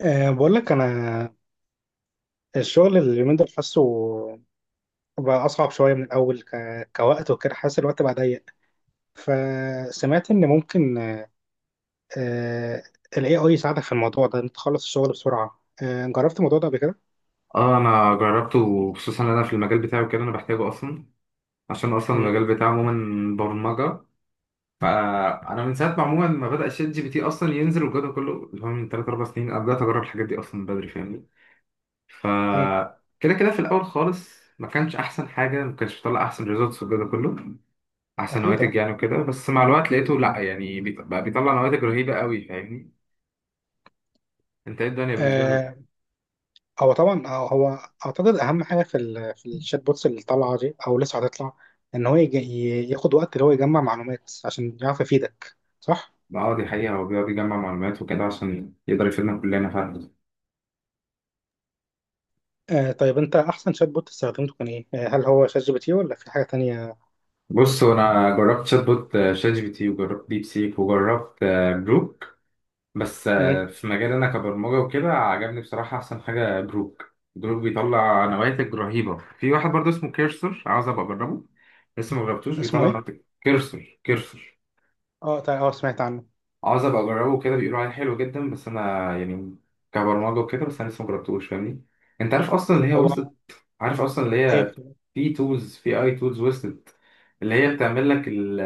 بقول لك انا الشغل اليومين دول حاسه بقى اصعب شويه من الاول كوقت وكده، حاسس الوقت بقى ضيق، فسمعت ان ممكن أه ال AI يساعدك في الموضوع ده انت تخلص الشغل بسرعه. جربت الموضوع ده قبل كده؟ اه، انا جربته، وخصوصا انا في المجال بتاعي وكده انا بحتاجه اصلا. عشان اصلا مم. المجال بتاعي عموما برمجه. فانا من ساعه ما عموما ما بدا شات جي بي تي اصلا ينزل والجو ده كله اللي هو من 3 4 سنين، انا بدات اجرب الحاجات دي اصلا من بدري فاهمني. ف مم. كده في الاول خالص، ما كانش احسن حاجه، ما كانش بيطلع احسن ريزلتس والجو ده كله، احسن اكيد، نواتج اه. يعني وكده. بس مع الوقت لقيته، لا يعني، بقى بيطلع نواتج رهيبه قوي فاهمني. انت ايه الدنيا بالنسبه آه، لك؟ هو طبعا هو اعتقد اهم حاجه في الشات بوتس اللي طالعه دي او لسه هتطلع، ان هو ياخد وقت اللي هو يجمع معلومات عشان يعرف يفيدك، صح؟ اه، دي حقيقه، هو بيقعد يجمع معلومات وكده عشان يقدر يفيدنا كلنا فعلا. طيب، انت احسن شات بوت استخدمته كان ايه؟ هل هو شات جي بي تي ولا في حاجة تانية؟ بص، هو انا جربت شات بوت، شات جي بي تي، وجربت ديب سيك، وجربت بروك. بس مم. في مجال انا كبرمجه وكده، عجبني بصراحه احسن حاجه بروك بيطلع نواتج رهيبه. في واحد برضه اسمه كيرسر، عاوز ابقى اجربه. لسه ما جربتوش، اسمه بيطلع ايه؟ نواتج. كيرسر اه طيب، سمعت عنه. عاوز ابقى اجربه كده، بيقولوا عليه حلو جدا، بس انا يعني كبرمجه وكده، بس انا لسه ما جربتوش فاهمني. انت عارف اصلا اللي هي هو وصلت؟ عارف اصلا اللي ايه؟ هي في تولز، في اي تولز وصلت، اللي هي بتعمل لك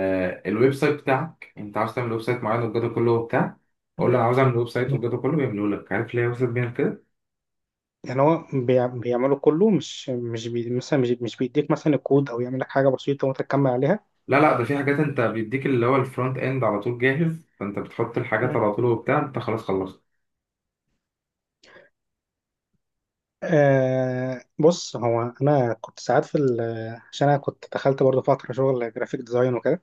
الويب سايت بتاعك، انت عاوز تعمل ويب سايت معين والجو ده كله وبتاع، قول له انا عاوز اعمل ويب سايت مم. والجو ده كله، بيعمله لك. عارف ليه وصلت بيها كده؟ يعني هو بيعمله كله، مش مثلا مش بيديك مثلا الكود او يعمل لك حاجة بسيطة وانت تكمل عليها. لا لا، ده في حاجات انت بيديك اللي هو الفرونت اند على طول جاهز، فانت بتحط الحاجات مم. على طول وبتاع، انت خلاص خلصت. بص، هو انا كنت ساعات عشان انا كنت دخلت برضه فترة شغل جرافيك ديزاين وكده،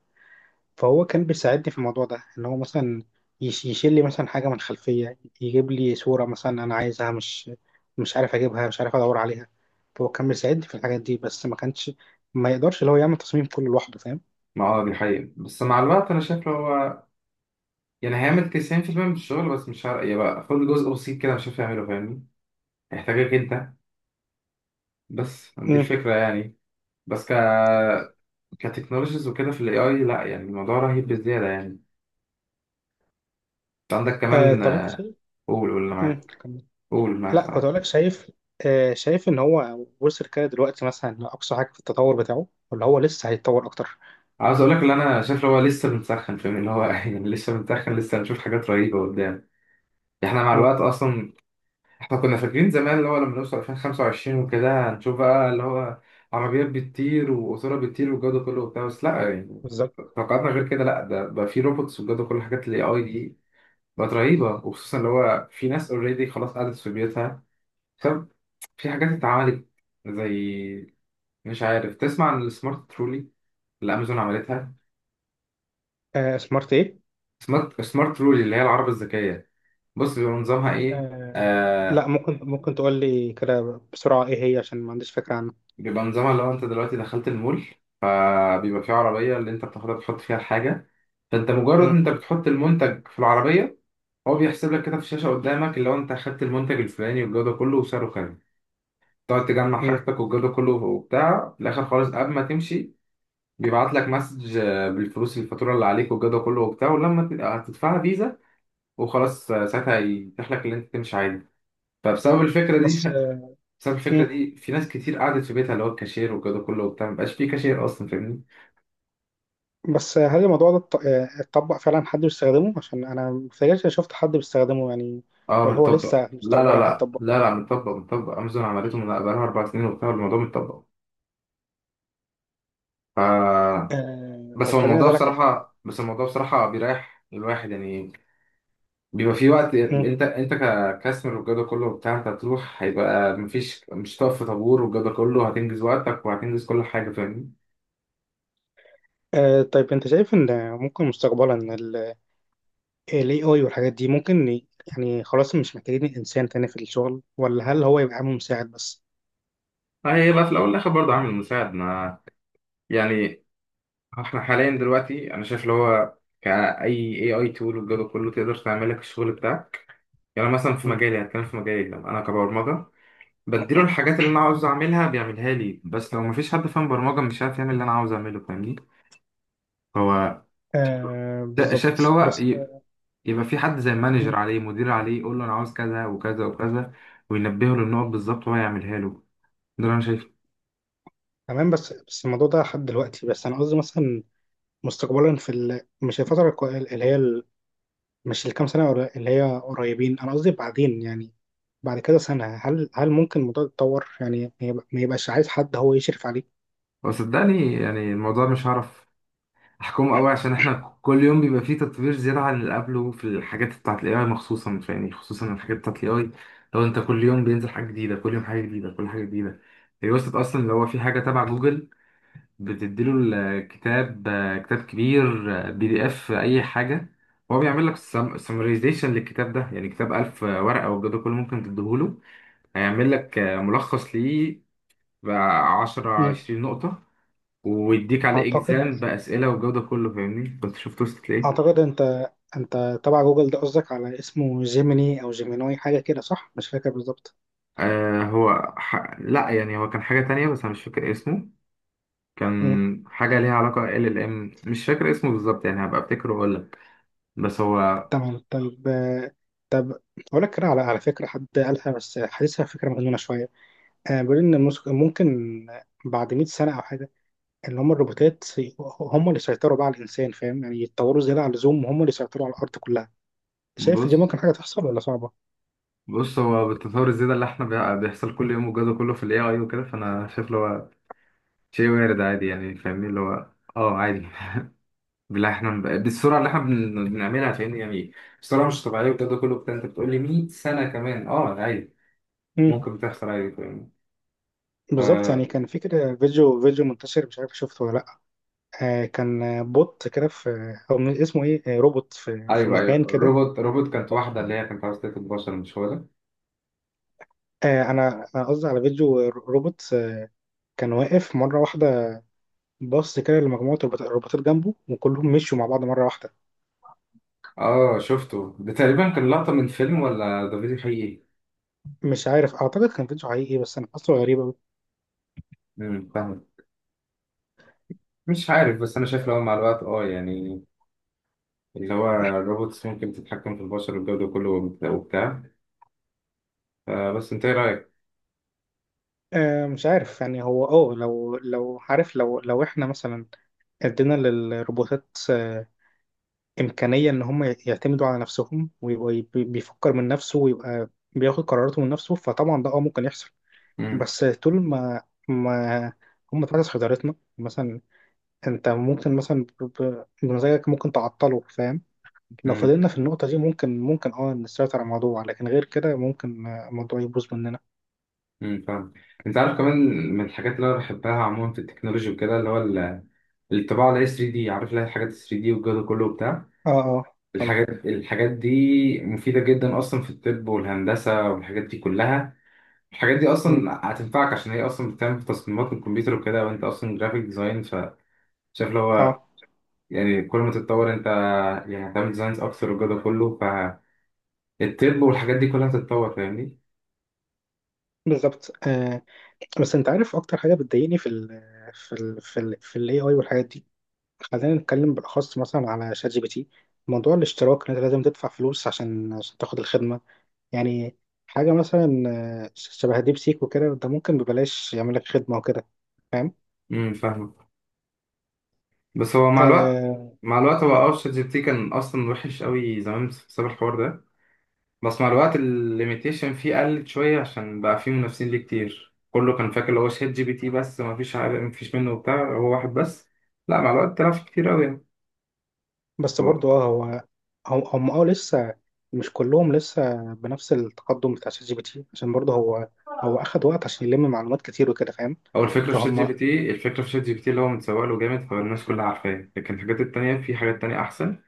فهو كان بيساعدني في الموضوع ده ان هو مثلا يشيل لي مثلا حاجه من الخلفيه، يجيب لي صوره مثلا انا عايزها مش عارف اجيبها، مش عارف ادور عليها. فهو كان بيساعدني في الحاجات دي، بس ما كانش، ما يقدرش اللي هو يعمل تصميم كله لوحده، فاهم؟ ما اه، دي حقيقة، بس مع الوقت انا شايف لو هو، يعني، هيعمل 90% من الشغل، بس مش عارف يبقى، خد جزء بسيط كده مش عارف يعمله فاهمني. هيحتاجك انت، بس دي امم. الفكرة يعني. بس كتكنولوجيز وكده في الاي اي، لا يعني الموضوع رهيب بزياده يعني. انت عندك كمان طب انت شايف. قول قول اللي معاك كمل. قول اللي لا، معاك كنت معاك اقول لك. شايف ان هو وصل كده دلوقتي مثلا لاقصى حاجه في التطور بتاعه، ولا هو لسه هيتطور اكتر؟ عاوز اقول لك اللي انا شايف، اللي هو لسه بنسخن فاهم، اللي هو يعني لسه بنسخن، لسه هنشوف حاجات رهيبه قدام. احنا مع امم. الوقت اصلا، احنا كنا فاكرين زمان اللي هو لما نوصل 2025 وكده هنشوف بقى اللي هو عربيات بتطير وقطوره بتطير والجو ده كله وبتاع، بس لا يعني بالظبط. توقعاتنا غير كده. لا، ده بقى في روبوتس والجو ده كله، حاجات الاي اي دي بقت رهيبه، وخصوصا اللي هو في ناس اوريدي خلاص قعدت في بيوتها. في حاجات اتعملت زي، مش عارف تسمع عن السمارت ترولي اللي امازون عملتها؟ سمارت ايه؟ سمارت ترولي، اللي هي العربة الذكية. بص بيبقى نظامها ايه. آه لا، آه، ممكن تقول لي كده بسرعه ايه هي، عشان ما عنديش فكره عنها؟ بيبقى نظامها لو انت دلوقتي دخلت المول، آه، بيبقى فيه عربية اللي انت بتاخدها، بتحط فيها الحاجة، فانت مجرد مم. انت بتحط المنتج في العربية، هو بيحسب لك كده في الشاشة قدامك اللي هو انت اخدت المنتج الفلاني والجودة كله وسعره كام. تقعد تجمع مم. حاجتك والجودة كله وبتاع، في الآخر خالص قبل ما تمشي بيبعت لك مسج بالفلوس، الفاتوره اللي عليك والجو ده كله وبتاع، ولما هتدفعها فيزا وخلاص، ساعتها يتيح لك اللي انت تمشي عادي. فبسبب الفكره دي بس بسبب الفكره مم. دي في ناس كتير قعدت في بيتها، اللي هو الكاشير والجو ده كله وبتاع مبقاش في كاشير اصلا فاهمني. بس هل الموضوع ده اتطبق فعلا؟ حد بيستخدمه؟ عشان انا متهيألي شفت حد بيستخدمه، يعني. اه، ولا هو متطبق، لسه لا لا مستقبلا لا هيتطبق؟ لا لا، متطبق متطبق، امازون عملته من بقالها 4 سنين وبتاع، الموضوع متطبق. ف بس طب هو خليني الموضوع اسالك على حاجه. بصراحه بس الموضوع بصراحه بيريح الواحد يعني. بيبقى في وقت، مم. انت ككاستمر والجو ده كله وبتاع انت هتروح، هيبقى مفيش، مش هتقف في طابور والجو ده كله، هتنجز وقتك وهتنجز كل حاجه فاهمني. طيب، انت شايف ان ممكن مستقبلا ال AI والحاجات دي ممكن يعني خلاص مش محتاجين الانسان تاني في الشغل، ولا هل هو يبقى عامل مساعد بس؟ هيبقى في الاول والاخر برضه عامل مساعد. ما يعني احنا حاليا دلوقتي انا شايف اللي هو كاي اي اي تول والجو ده كله، تقدر تعمل لك الشغل بتاعك. يعني مثلا في مم. مجالي، هتكلم في مجالي، لما انا كبرمجه بديله الحاجات اللي انا عاوز اعملها بيعملها لي، بس لو مفيش حد فاهم برمجه، مش عارف يعمل اللي انا عاوز اعمله فاهمني. هو شايف اللي بالظبط، هو بس. يبقى في حد زي مانجر مم. عليه، مدير عليه، يقول له انا عاوز كذا وكذا وكذا، وينبهه للنقط بالظبط وهو يعملها له. ده اللي انا شايفه. تمام. بس الموضوع ده لحد دلوقتي، بس انا قصدي مثلا مستقبلا مش الفترة اللي هي ال... مش الكام سنة اللي هي قريبين. أنا قصدي بعدين، يعني بعد كده سنة، هل ممكن الموضوع يتطور، يعني ما يبقاش عايز حد هو يشرف عليه؟ وصدقني يعني الموضوع مش هعرف احكمه قوي، عشان احنا كل يوم بيبقى فيه تطوير زياده عن اللي قبله في الحاجات بتاعت الاي اي، خصوصا يعني، خصوصا الحاجات بتاعت الاي اي. لو انت كل يوم بينزل حاجه جديده، كل يوم حاجه جديده، كل حاجه جديده. هي وصلت اصلا اللي هو في حاجه تبع جوجل بتديله الكتاب، كتاب كبير، بي دي اف اي حاجه، هو بيعمل لك سمرايزيشن للكتاب ده، يعني كتاب 1000 ورقه والجو ده كله ممكن تديهوله، هيعمل لك ملخص ليه بقى 10 مم. 20 نقطه، ويديك عليه أعتقد اكزام باسئله والجو ده كله فاهمني كنت شفت وصلت لايه. أعتقد أنت تبع جوجل ده قصدك على اسمه جيميني أو جيمينوي حاجة كده، صح؟ مش فاكر بالظبط. آه، هو لا يعني، هو كان حاجه تانية بس انا مش فاكر اسمه. مم. كان حاجه ليها علاقه ال ال ام، مش فاكر اسمه بالظبط يعني، هبقى افتكره واقول لك. بس هو تمام، طيب، طب أقول لك كده، على فكرة حد قالها بس حاسسها فكرة مجنونة شوية. بيقول إن ممكن بعد 100 سنة أو حاجة اللي هم الروبوتات هم اللي سيطروا بقى على الانسان، فاهم؟ يعني يتطوروا زياده عن اللزوم، وهم اللي سيطروا على الارض كلها. شايف دي بص ممكن حاجه تحصل ولا صعبه؟ بص هو بالتطور الزيادة اللي احنا، بيحصل كل يوم والجو ده كله في الاي اي وكده، فانا شايف اللي هو شيء وارد عادي يعني فاهمني، اللي هو اه عادي. بالله احنا بالسرعة اللي احنا بنعملها فاهمني يعني، بسرعة مش طبيعية والجو ده كله بتاع. انت بتقول لي 100 سنة كمان، اه عادي امم. ممكن بتحصل عادي فاهمني. بالظبط، يعني ف كان في كده فيديو، منتشر، مش عارف شفته ولا لا. كان بوت كده في او اسمه ايه، روبوت في ايوه ايوه، مكان كده. روبوت كانت واحدة اللي هي كانت عاوزة تاكل بشر، مش هو ده؟ انا قصدي على فيديو، روبوت كان واقف مره واحده، بص كده لمجموعه الروبوتات، جنبه، وكلهم مشوا مع بعض مره واحده. اه شفته ده، تقريبا كان لقطة من فيلم ولا ده فيديو حقيقي؟ مش عارف، اعتقد كان فيديو حقيقي، بس انا حاسه غريب أوي. فاهم، مش عارف، بس انا شايف اللي هو مع الوقت، اه يعني، اللي هو الروبوتس ممكن تتحكم في البشر والجو ده كله وبتاع، بس انت ايه رايك؟ مش عارف يعني. هو لو، عارف، لو لو احنا مثلا ادينا للروبوتات امكانيه ان هم يعتمدوا على نفسهم، ويبقى بيفكر من نفسه، ويبقى بياخد قراراته من نفسه، فطبعا ده ممكن يحصل. امم بس طول ما هم تحت سيطرتنا، مثلا انت ممكن مثلا بمزاجك ممكن تعطله، فاهم؟ لو امم فضلنا في النقطه دي ممكن، نسيطر على الموضوع، لكن غير كده ممكن الموضوع يبوظ مننا. فاهم. انت عارف كمان من الحاجات اللي انا بحبها عموما في التكنولوجي وكده اللي هو الطباعه اللي هي 3 دي، عارف اللي هي الحاجات 3 دي والجو ده كله وبتاع، اه، اه، طبعا. الحاجات دي مفيده جدا اصلا في الطب والهندسه والحاجات دي كلها. الحاجات دي مم. اصلا هتنفعك عشان هي اصلا بتعمل في تصميمات الكمبيوتر وكده، وانت اصلا جرافيك ديزاين، شايف اللي اه، هو يعني كل ما تتطور انت، يعني هتعمل ديزاينز اكتر والجو ده كله، الطب والحاجات دي كلها هتتطور فاهمني. بالظبط. بس انت عارف اكتر حاجه بتضايقني في الاي اي والحاجات دي. خلينا نتكلم بالاخص مثلا على شات جي بي تي: موضوع الاشتراك، ان انت لازم تدفع فلوس عشان تاخد الخدمه. يعني حاجه مثلا شبه ديب سيك وكده، ده ممكن ببلاش يعمل لك خدمه وكده، فاهم؟ فاهمك، بس هو مع الوقت آه مع الوقت هو م. اه شات جي بي تي كان اصلا وحش قوي زمان بسبب الحوار ده، بس مع الوقت الليميتيشن فيه قلت شويه عشان بقى فيه منافسين ليه كتير، كله كان فاكر اللي هو شات جي بي تي بس، ما فيش حاجه، ما فيش منه وبتاع، هو واحد بس، لا مع الوقت طلع فيه كتير قوي يعني. بس هو برضو هو هم لسه مش كلهم لسه بنفس التقدم بتاع شات جي بي تي، عشان برضه هو اخد وقت عشان يلم معلومات كتير وكده، فاهم؟ هو الفكره في شات جي فهم. بي تي الفكره في شات جي بي تي اللي هو متسوق له جامد، فالناس كلها عارفاه، لكن الحاجات التانيه في حاجات تانيه احسن.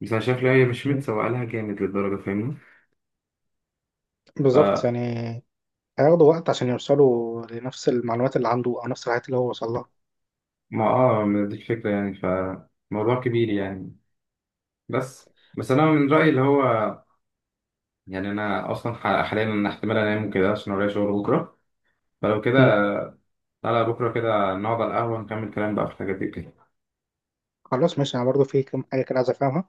بس انا شايف ان هي مش متسوق لها جامد للدرجه فاهمني. بالظبط، يعني هياخدوا وقت عشان يوصلوا لنفس المعلومات اللي عنده، او نفس الحاجات اللي هو وصل لها. ما اه، ما دي الفكرة يعني، فموضوع كبير يعني. بس بس انا من رأيي اللي هو، يعني انا اصلا حاليا انا احتمال انام وكده عشان ورايا شغل بكرة، فلو كده مم. تعالى بكرة كده نقعد على القهوة نكمل كلام بقى في الحاجات دي كده. خلاص، ماشي، انا برضو في كم حاجه كده عايز افهمها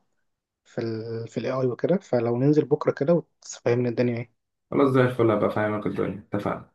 في الاي اي وكده، فلو ننزل بكره كده وتفهمني الدنيا ايه. خلاص زي الفل، هبقى فاهمك الدنيا. اتفقنا؟